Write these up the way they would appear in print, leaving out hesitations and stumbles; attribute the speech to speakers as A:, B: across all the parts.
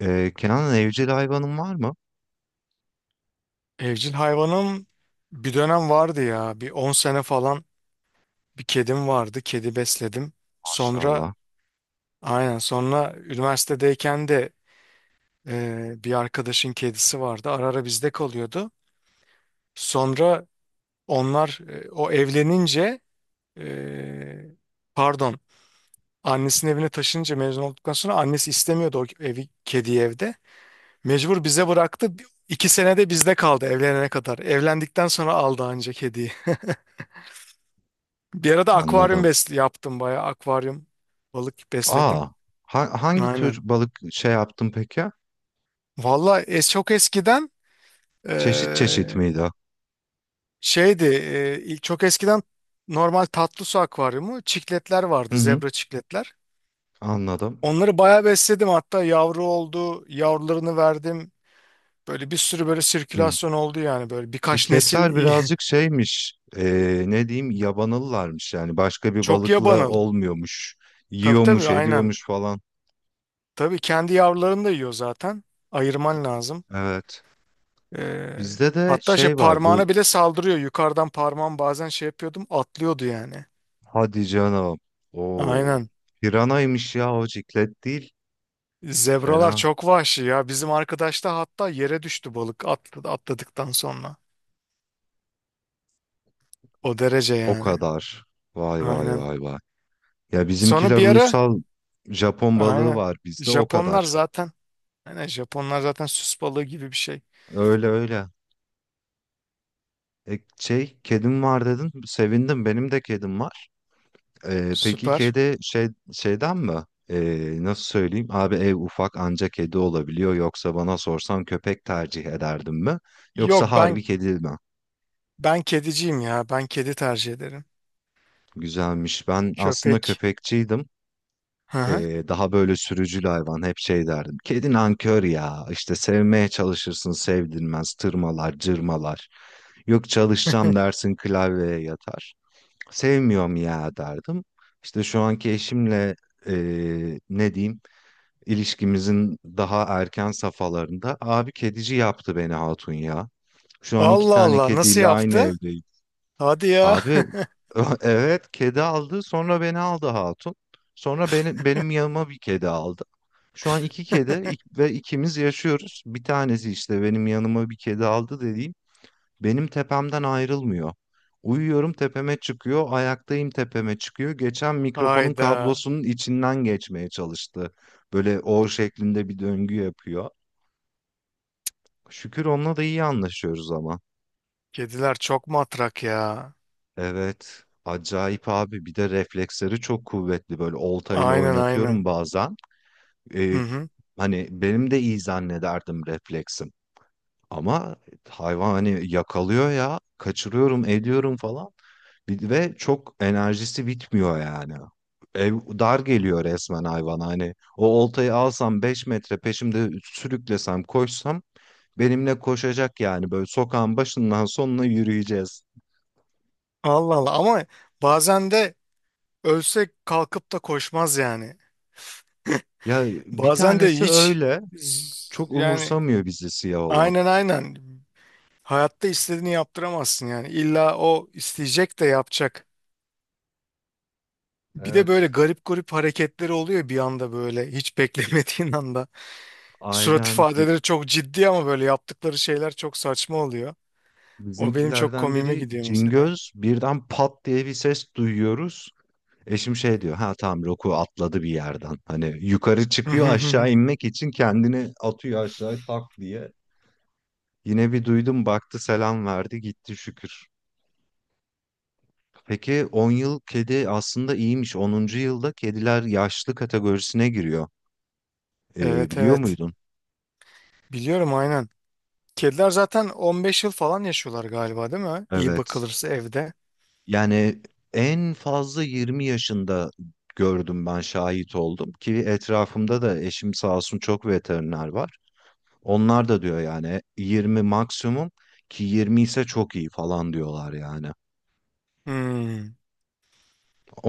A: Kenan, evcil hayvanın var mı?
B: Evcil hayvanım bir dönem vardı ya. Bir 10 sene falan bir kedim vardı. Kedi besledim. Sonra.
A: Maşallah.
B: Aynen, sonra üniversitedeyken de, bir arkadaşın kedisi vardı. Ara ara bizde kalıyordu. Sonra o evlenince, e, pardon annesinin evine taşınınca, mezun olduktan sonra annesi istemiyordu o evi kediyi evde. Mecbur bize bıraktı. İki senede bizde kaldı evlenene kadar. Evlendikten sonra aldı ancak kediyi. Bir arada akvaryum
A: Anladım.
B: besli yaptım, bayağı akvaryum balık besledim.
A: Aa, hangi tür
B: Aynen.
A: balık şey yaptın peki?
B: Valla çok eskiden,
A: Çeşit çeşit
B: eee,
A: miydi?
B: şeydi, çok eskiden normal tatlı su akvaryumu, çikletler vardı,
A: Hı hı,
B: zebra çikletler.
A: anladım.
B: Onları bayağı besledim, hatta yavru oldu, yavrularını verdim. Böyle bir sürü, böyle
A: Hı.
B: sirkülasyon oldu yani, böyle birkaç nesil
A: Çikletler
B: iyi.
A: birazcık şeymiş. Ne diyeyim, yabanalılarmış yani, başka bir
B: Çok
A: balıkla
B: yabanalı.
A: olmuyormuş.
B: Tabii tabii,
A: Yiyormuş,
B: aynen.
A: ediyormuş falan.
B: Tabii kendi yavrularını da yiyor zaten. Ayırman lazım.
A: Evet.
B: Ee,
A: Bizde de
B: hatta şey
A: şey var bu.
B: parmağına bile saldırıyor. Yukarıdan parmağım bazen şey yapıyordum, atlıyordu yani.
A: Hadi canım. Oo.
B: Aynen.
A: Piranaymış ya, o ciklet değil.
B: Zebralar
A: Fena.
B: çok vahşi ya. Bizim arkadaş da hatta yere düştü balık, atladı, atladıktan sonra. O derece
A: O
B: yani.
A: kadar. Vay vay
B: Aynen.
A: vay vay. Ya
B: Sonra
A: bizimkiler
B: bir ara,
A: uysal, Japon balığı
B: aynen.
A: var bizde, o
B: Japonlar
A: kadar.
B: zaten aynen, Japonlar zaten süs balığı gibi bir şey.
A: Öyle öyle. E, şey, kedim var dedin. Sevindim. Benim de kedim var. E, peki
B: Süper.
A: kedi şey, şeyden mi? E, nasıl söyleyeyim? Abi ev ufak, anca kedi olabiliyor. Yoksa bana sorsan köpek tercih ederdim mi? Yoksa
B: Yok ben
A: harbi kedi mi?
B: ben kediciyim ya. Ben kedi tercih ederim.
A: Güzelmiş. Ben aslında
B: Köpek.
A: köpekçiydim.
B: Hı hı.
A: Daha böyle sürücül hayvan, hep şey derdim. Kedi nankör ya, işte sevmeye çalışırsın sevdirmez, tırmalar cırmalar. Yok, çalışacağım dersin klavyeye yatar. Sevmiyorum ya derdim. İşte şu anki eşimle ne diyeyim, ilişkimizin daha erken safhalarında abi, kedici yaptı beni hatun ya. Şu an iki
B: Allah
A: tane
B: Allah, nasıl
A: kediyle aynı
B: yaptı?
A: evdeyiz.
B: Hadi ya.
A: Abi evet, kedi aldı sonra beni aldı hatun. Sonra beni, benim yanıma bir kedi aldı. Şu an iki kedi, ve ikimiz yaşıyoruz. Bir tanesi, işte benim yanıma bir kedi aldı dediğim, benim tepemden ayrılmıyor. Uyuyorum tepeme çıkıyor, ayaktayım tepeme çıkıyor. Geçen mikrofonun
B: Hayda.
A: kablosunun içinden geçmeye çalıştı. Böyle O şeklinde bir döngü yapıyor. Şükür onunla da iyi anlaşıyoruz ama.
B: Kediler çok matrak ya.
A: Evet. Acayip abi. Bir de refleksleri çok kuvvetli. Böyle oltayla
B: Aynen
A: oynatıyorum
B: aynen.
A: bazen.
B: Hı
A: Ee,
B: hı.
A: Hani benim de iyi zannederdim refleksim. Ama hayvan hani yakalıyor ya. Kaçırıyorum, ediyorum falan. Ve çok, enerjisi bitmiyor yani. Ev dar geliyor resmen hayvan. Hani o oltayı alsam 5 metre peşimde sürüklesem koşsam, benimle koşacak yani. Böyle sokağın başından sonuna yürüyeceğiz.
B: Allah Allah, ama bazen de ölse kalkıp da koşmaz yani.
A: Ya bir
B: Bazen de
A: tanesi
B: hiç,
A: öyle. Çok
B: yani,
A: umursamıyor bizi siyah olan.
B: aynen aynen. Hayatta istediğini yaptıramazsın yani. İlla o isteyecek de yapacak. Bir de böyle
A: Evet.
B: garip garip hareketleri oluyor bir anda, böyle hiç beklemediğin anda. Surat
A: Aynen ge-
B: ifadeleri çok ciddi, ama böyle yaptıkları şeyler çok saçma oluyor. O benim çok
A: Bizimkilerden
B: komiğime
A: biri
B: gidiyor mesela.
A: Cingöz, birden pat diye bir ses duyuyoruz. Eşim şey diyor, ha tamam, Roku atladı bir yerden. Hani yukarı çıkıyor, aşağı inmek için kendini atıyor aşağı tak diye. Yine bir duydum, baktı selam verdi gitti, şükür. Peki 10 yıl kedi aslında iyiymiş. Onuncu yılda kediler yaşlı kategorisine giriyor.
B: Evet
A: Biliyor
B: evet.
A: muydun?
B: Biliyorum, aynen. Kediler zaten 15 yıl falan yaşıyorlar galiba, değil mi? İyi
A: Evet.
B: bakılırsa evde.
A: Yani en fazla 20 yaşında gördüm ben, şahit oldum ki, etrafımda da eşim sağ olsun çok veteriner var. Onlar da diyor yani 20 maksimum, ki 20 ise çok iyi falan diyorlar yani.
B: Hmm,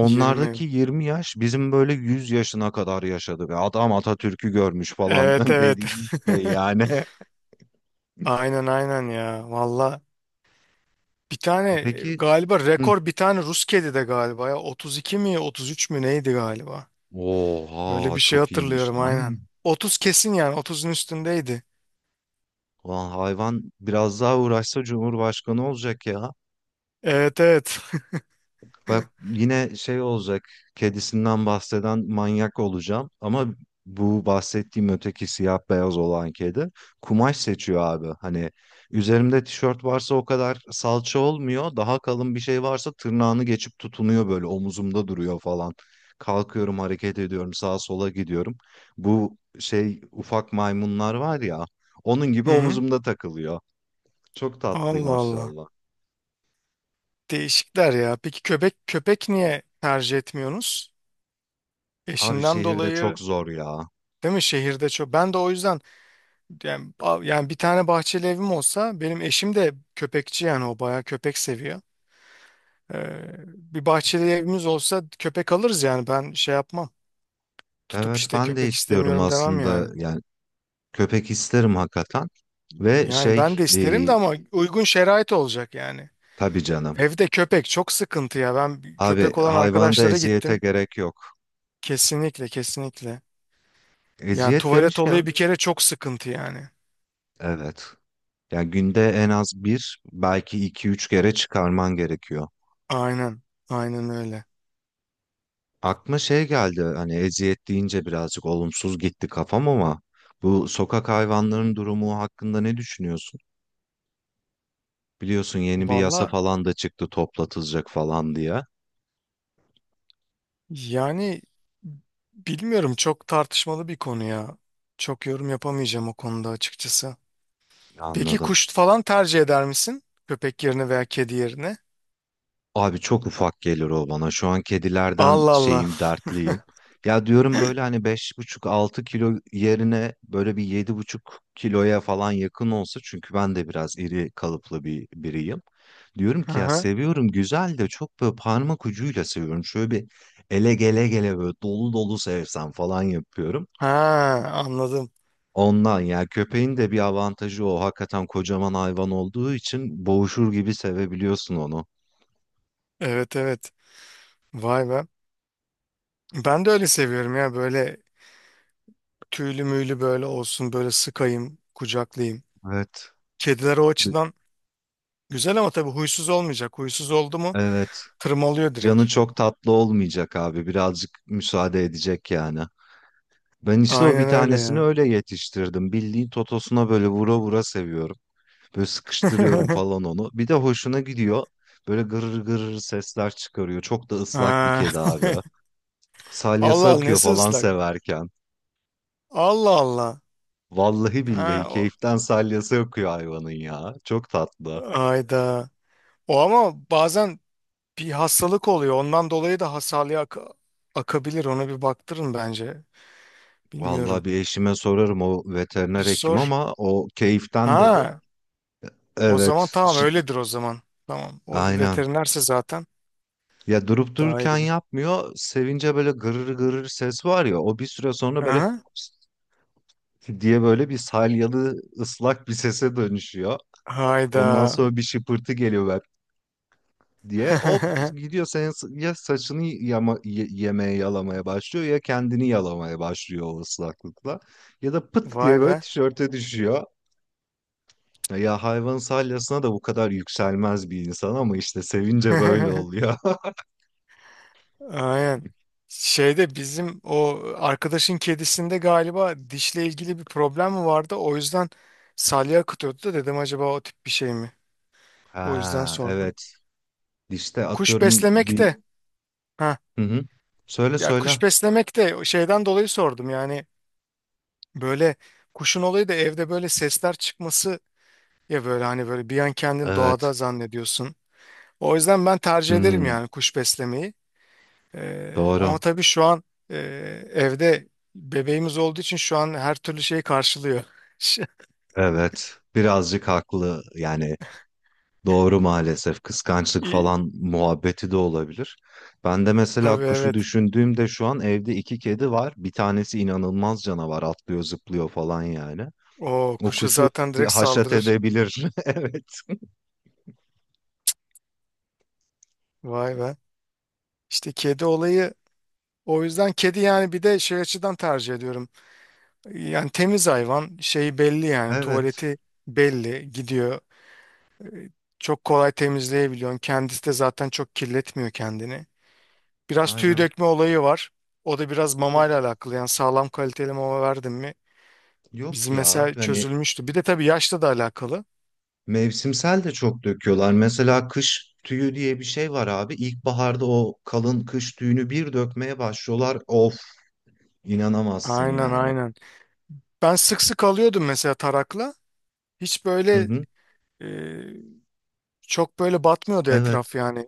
B: 20.
A: 20 yaş bizim böyle 100 yaşına kadar yaşadı ve adam Atatürk'ü görmüş falan
B: Evet evet.
A: dediğimiz şey yani.
B: Aynen aynen ya. Valla bir tane,
A: E peki,
B: galiba
A: hı.
B: rekor bir tane Rus kedi de galiba ya. 32 mi 33 mü neydi galiba. Böyle
A: Oha
B: bir şey
A: çok iyiymiş
B: hatırlıyorum,
A: lan.
B: aynen. 30 kesin yani, 30'un üstündeydi.
A: Ulan hayvan biraz daha uğraşsa Cumhurbaşkanı olacak ya.
B: Evet evet.
A: Bak yine şey olacak, kedisinden bahseden manyak olacağım ama, bu bahsettiğim öteki siyah beyaz olan kedi kumaş seçiyor abi. Hani üzerimde tişört varsa o kadar salça olmuyor, daha kalın bir şey varsa tırnağını geçip tutunuyor, böyle omuzumda duruyor falan. Kalkıyorum, hareket ediyorum, sağa sola gidiyorum. Bu şey ufak maymunlar var ya, onun gibi
B: Hı hı.
A: omuzumda takılıyor. Çok tatlı
B: Allah Allah.
A: maşallah.
B: Değişikler ya. Peki köpek niye tercih etmiyorsunuz?
A: Abi
B: Eşinden
A: şehirde çok
B: dolayı?
A: zor ya.
B: Değil mi? Şehirde çok. Ben de o yüzden yani, yani, bir tane bahçeli evim olsa, benim eşim de köpekçi yani, o bayağı köpek seviyor. Bir bahçeli evimiz olsa köpek alırız yani, ben şey yapmam. Tutup
A: Evet
B: işte
A: ben de
B: köpek
A: istiyorum
B: istemiyorum demem
A: aslında
B: yani.
A: yani, köpek isterim hakikaten ve
B: Yani ben
A: şey,
B: de isterim de, ama uygun şerait olacak yani.
A: tabii canım,
B: Evde köpek çok sıkıntı ya. Ben
A: abi
B: köpek olan
A: hayvanda
B: arkadaşlara
A: eziyete
B: gittim.
A: gerek yok.
B: Kesinlikle kesinlikle. Yani
A: Eziyet
B: tuvalet
A: demişken,
B: olayı bir kere çok sıkıntı yani.
A: evet, yani günde en az bir, belki iki üç kere çıkarman gerekiyor.
B: Aynen. Aynen öyle.
A: Aklıma şey geldi, hani eziyet deyince birazcık olumsuz gitti kafam ama, bu sokak hayvanların durumu hakkında ne düşünüyorsun? Biliyorsun yeni bir yasa
B: Vallahi.
A: falan da çıktı, toplatılacak falan diye.
B: Yani, bilmiyorum, çok tartışmalı bir konu ya. Çok yorum yapamayacağım o konuda, açıkçası. Peki
A: Anladım.
B: kuş falan tercih eder misin? Köpek yerine veya kedi yerine?
A: Abi çok ufak gelir o bana. Şu an kedilerden
B: Allah Allah.
A: şeyim, dertliyim. Ya diyorum böyle hani 5,5 6 kilo yerine böyle bir 7,5 kiloya falan yakın olsa, çünkü ben de biraz iri kalıplı bir biriyim. Diyorum ki ya,
B: Aha.
A: seviyorum güzel de çok böyle parmak ucuyla seviyorum. Şöyle bir ele gele gele böyle dolu dolu sevsem falan yapıyorum.
B: Ha, anladım.
A: Ondan ya, köpeğin de bir avantajı o. Hakikaten kocaman hayvan olduğu için boğuşur gibi sevebiliyorsun onu.
B: Evet evet. Vay be. Ben de öyle seviyorum ya, böyle tüylü müylü böyle olsun, böyle sıkayım kucaklayayım.
A: Evet.
B: Kediler o
A: Bi-
B: açıdan güzel, ama tabii huysuz olmayacak. Huysuz oldu mu
A: Evet.
B: tırmalıyor direkt.
A: Canı çok tatlı olmayacak abi. Birazcık müsaade edecek yani. Ben işte o bir
B: Aynen öyle
A: tanesini
B: ya.
A: öyle yetiştirdim. Bildiğin totosuna böyle vura vura seviyorum. Böyle sıkıştırıyorum falan onu. Bir de hoşuna gidiyor. Böyle gırır gırır sesler çıkarıyor. Çok da ıslak bir
B: Ha.
A: kedi abi. Salyası
B: Allah Allah,
A: akıyor
B: nesi
A: falan
B: ıslak?
A: severken.
B: Allah Allah.
A: Vallahi
B: Ha,
A: billahi
B: o,
A: keyiften salyası akıyor hayvanın ya. Çok tatlı.
B: ayda. O ama bazen bir hastalık oluyor, ondan dolayı da hasarlıya akabilir. Ona bir baktırın bence.
A: Vallahi,
B: Bilmiyorum.
A: bir eşime sorarım o,
B: Bir
A: veteriner hekim,
B: sor.
A: ama o keyiften dedi.
B: Ha, o zaman
A: Evet,
B: tamam, öyledir o zaman. Tamam. O
A: aynen.
B: veterinerse zaten
A: Ya durup
B: daha iyi
A: dururken
B: bilir.
A: yapmıyor. Sevince böyle gırır gırır ses var ya, o bir süre sonra böyle
B: Aha.
A: diye böyle bir salyalı ıslak bir sese dönüşüyor. Ondan
B: Hayda.
A: sonra bir şıpırtı geliyor böyle diye. Hop gidiyor, senin ya saçını yama, yemeye yalamaya başlıyor ya, kendini yalamaya başlıyor o ıslaklıkla. Ya da pıt
B: Vay
A: diye böyle
B: be.
A: tişörte düşüyor. Ya hayvan salyasına da bu kadar yükselmez bir insan ama işte sevince böyle oluyor.
B: Aynen. Şeyde, bizim o arkadaşın kedisinde galiba dişle ilgili bir problem mi vardı? O yüzden salya akıtıyordu da, dedim acaba o tip bir şey mi? O yüzden
A: Ha
B: sordum.
A: evet, işte
B: Kuş
A: atıyorum
B: beslemek
A: bir.
B: de, ha,
A: Hı hı. Söyle
B: ya kuş
A: söyle.
B: beslemek de o şeyden dolayı sordum. Yani, böyle kuşun olayı da evde böyle sesler çıkması, ya böyle hani böyle bir an kendini
A: Evet.
B: doğada zannediyorsun. O yüzden ben tercih ederim
A: Hmm,
B: yani, kuş beslemeyi. Ama
A: doğru.
B: tabii şu an, e, evde bebeğimiz olduğu için şu an her türlü şeyi karşılıyor.
A: Evet. Birazcık haklı. Yani doğru maalesef. Kıskançlık
B: İyi.
A: falan muhabbeti de olabilir. Ben de mesela
B: Tabii,
A: kuşu
B: evet.
A: düşündüğümde, şu an evde iki kedi var. Bir tanesi inanılmaz canavar. Atlıyor, zıplıyor falan yani.
B: O
A: O
B: kuşa
A: kuşu
B: zaten
A: bir
B: direkt
A: haşat
B: saldırır.
A: edebilir. Evet.
B: Vay be. İşte kedi olayı, o yüzden kedi yani, bir de şey açıdan tercih ediyorum. Yani temiz hayvan, şeyi belli yani,
A: Evet.
B: tuvaleti belli gidiyor. Çok kolay temizleyebiliyorsun. Kendisi de zaten çok kirletmiyor kendini. Biraz tüy
A: Aynen.
B: dökme olayı var. O da biraz
A: O-
B: mamayla alakalı. Yani sağlam kaliteli mama verdim mi,
A: Yok
B: bizim
A: ya.
B: mesela
A: Hani
B: çözülmüştü. Bir de tabii yaşla da alakalı.
A: mevsimsel de çok döküyorlar. Mesela kış tüyü diye bir şey var abi. İlkbaharda o kalın kış tüyünü bir dökmeye başlıyorlar. Of, inanamazsın
B: Aynen
A: yani.
B: aynen. Ben sık sık alıyordum mesela tarakla. Hiç
A: Hı
B: böyle,
A: hı.
B: e, çok böyle batmıyordu
A: Evet.
B: etraf yani.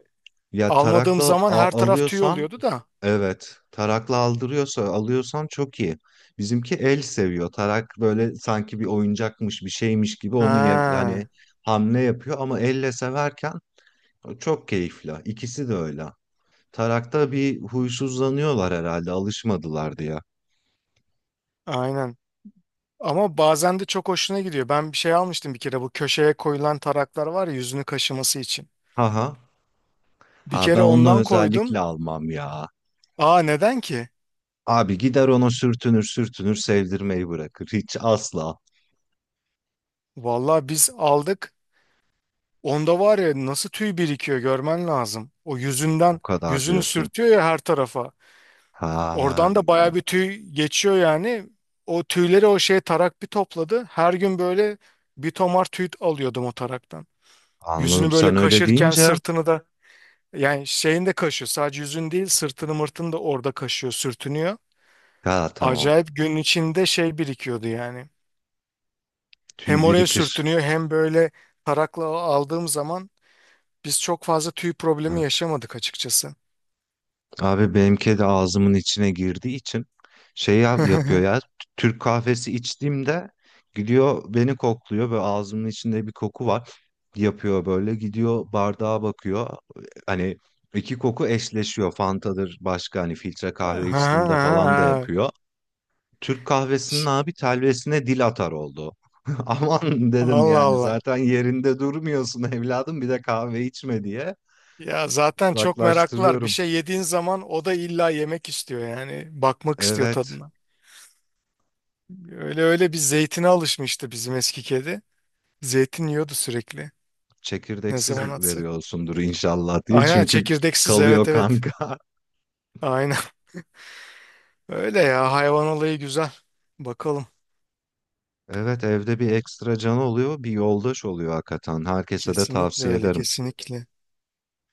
A: Ya
B: Almadığım
A: tarakla
B: zaman her taraf tüy
A: alıyorsan,
B: oluyordu da.
A: evet. Tarakla aldırıyorsa, alıyorsan çok iyi. Bizimki el seviyor. Tarak böyle sanki bir oyuncakmış bir şeymiş gibi, onu hani
B: Ha,
A: hamle yapıyor, ama elle severken çok keyifli. İkisi de öyle. Tarakta bir huysuzlanıyorlar herhalde, alışmadılar diye.
B: aynen. Ama bazen de çok hoşuna gidiyor. Ben bir şey almıştım bir kere, bu köşeye koyulan taraklar var ya, yüzünü kaşıması için.
A: Aha.
B: Bir
A: Ha, ben
B: kere
A: onunla
B: ondan
A: özellikle
B: koydum.
A: almam ya.
B: Aa, neden ki?
A: Abi gider ona sürtünür sürtünür, sevdirmeyi bırakır. Hiç asla.
B: Vallahi biz aldık. Onda var ya, nasıl tüy birikiyor görmen lazım. O
A: O
B: yüzünden
A: kadar
B: yüzünü
A: diyorsun.
B: sürtüyor ya her tarafa.
A: Ha
B: Oradan da baya bir tüy geçiyor yani. O tüyleri o şey tarak bir topladı. Her gün böyle bir tomar tüy alıyordum o taraktan.
A: anladım.
B: Yüzünü böyle
A: Sen öyle
B: kaşırken
A: deyince
B: sırtını da, yani şeyini de kaşıyor. Sadece yüzün değil, sırtını mırtını da orada kaşıyor, sürtünüyor.
A: ha, tamam.
B: Acayip gün içinde şey birikiyordu yani.
A: Tüy
B: Hem oraya
A: birikir.
B: sürtünüyor, hem böyle tarakla aldığım zaman biz çok fazla tüy problemi yaşamadık açıkçası.
A: Abi benimki de ağzımın içine girdiği için şey yapıyor ya. Türk kahvesi içtiğimde gidiyor beni kokluyor ve ağzımın içinde bir koku var. Yapıyor böyle, gidiyor bardağa bakıyor. Hani iki koku eşleşiyor. Fanta'dır, başka hani filtre kahve içtiğimde falan da
B: Ha,
A: yapıyor. Türk kahvesinin
B: ş-
A: abi telvesine dil atar oldu. Aman dedim
B: Allah
A: yani,
B: Allah.
A: zaten yerinde durmuyorsun evladım, bir de kahve içme diye
B: Ya zaten çok meraklılar. Bir
A: uzaklaştırıyorum.
B: şey yediğin zaman o da illa yemek istiyor yani. Bakmak istiyor
A: Evet.
B: tadına. Öyle, öyle bir zeytine alışmıştı bizim eski kedi. Zeytin yiyordu sürekli. Ne
A: Çekirdeksiz
B: zaman atsak.
A: veriyorsundur inşallah diye.
B: Aynen,
A: Çünkü
B: çekirdeksiz, evet
A: kalıyor
B: evet.
A: kanka.
B: Aynen. Öyle ya, hayvan olayı güzel. Bakalım.
A: Evet, evde bir ekstra canı oluyor, bir yoldaş oluyor hakikaten. Herkese de
B: Kesinlikle
A: tavsiye
B: öyle,
A: ederim.
B: kesinlikle.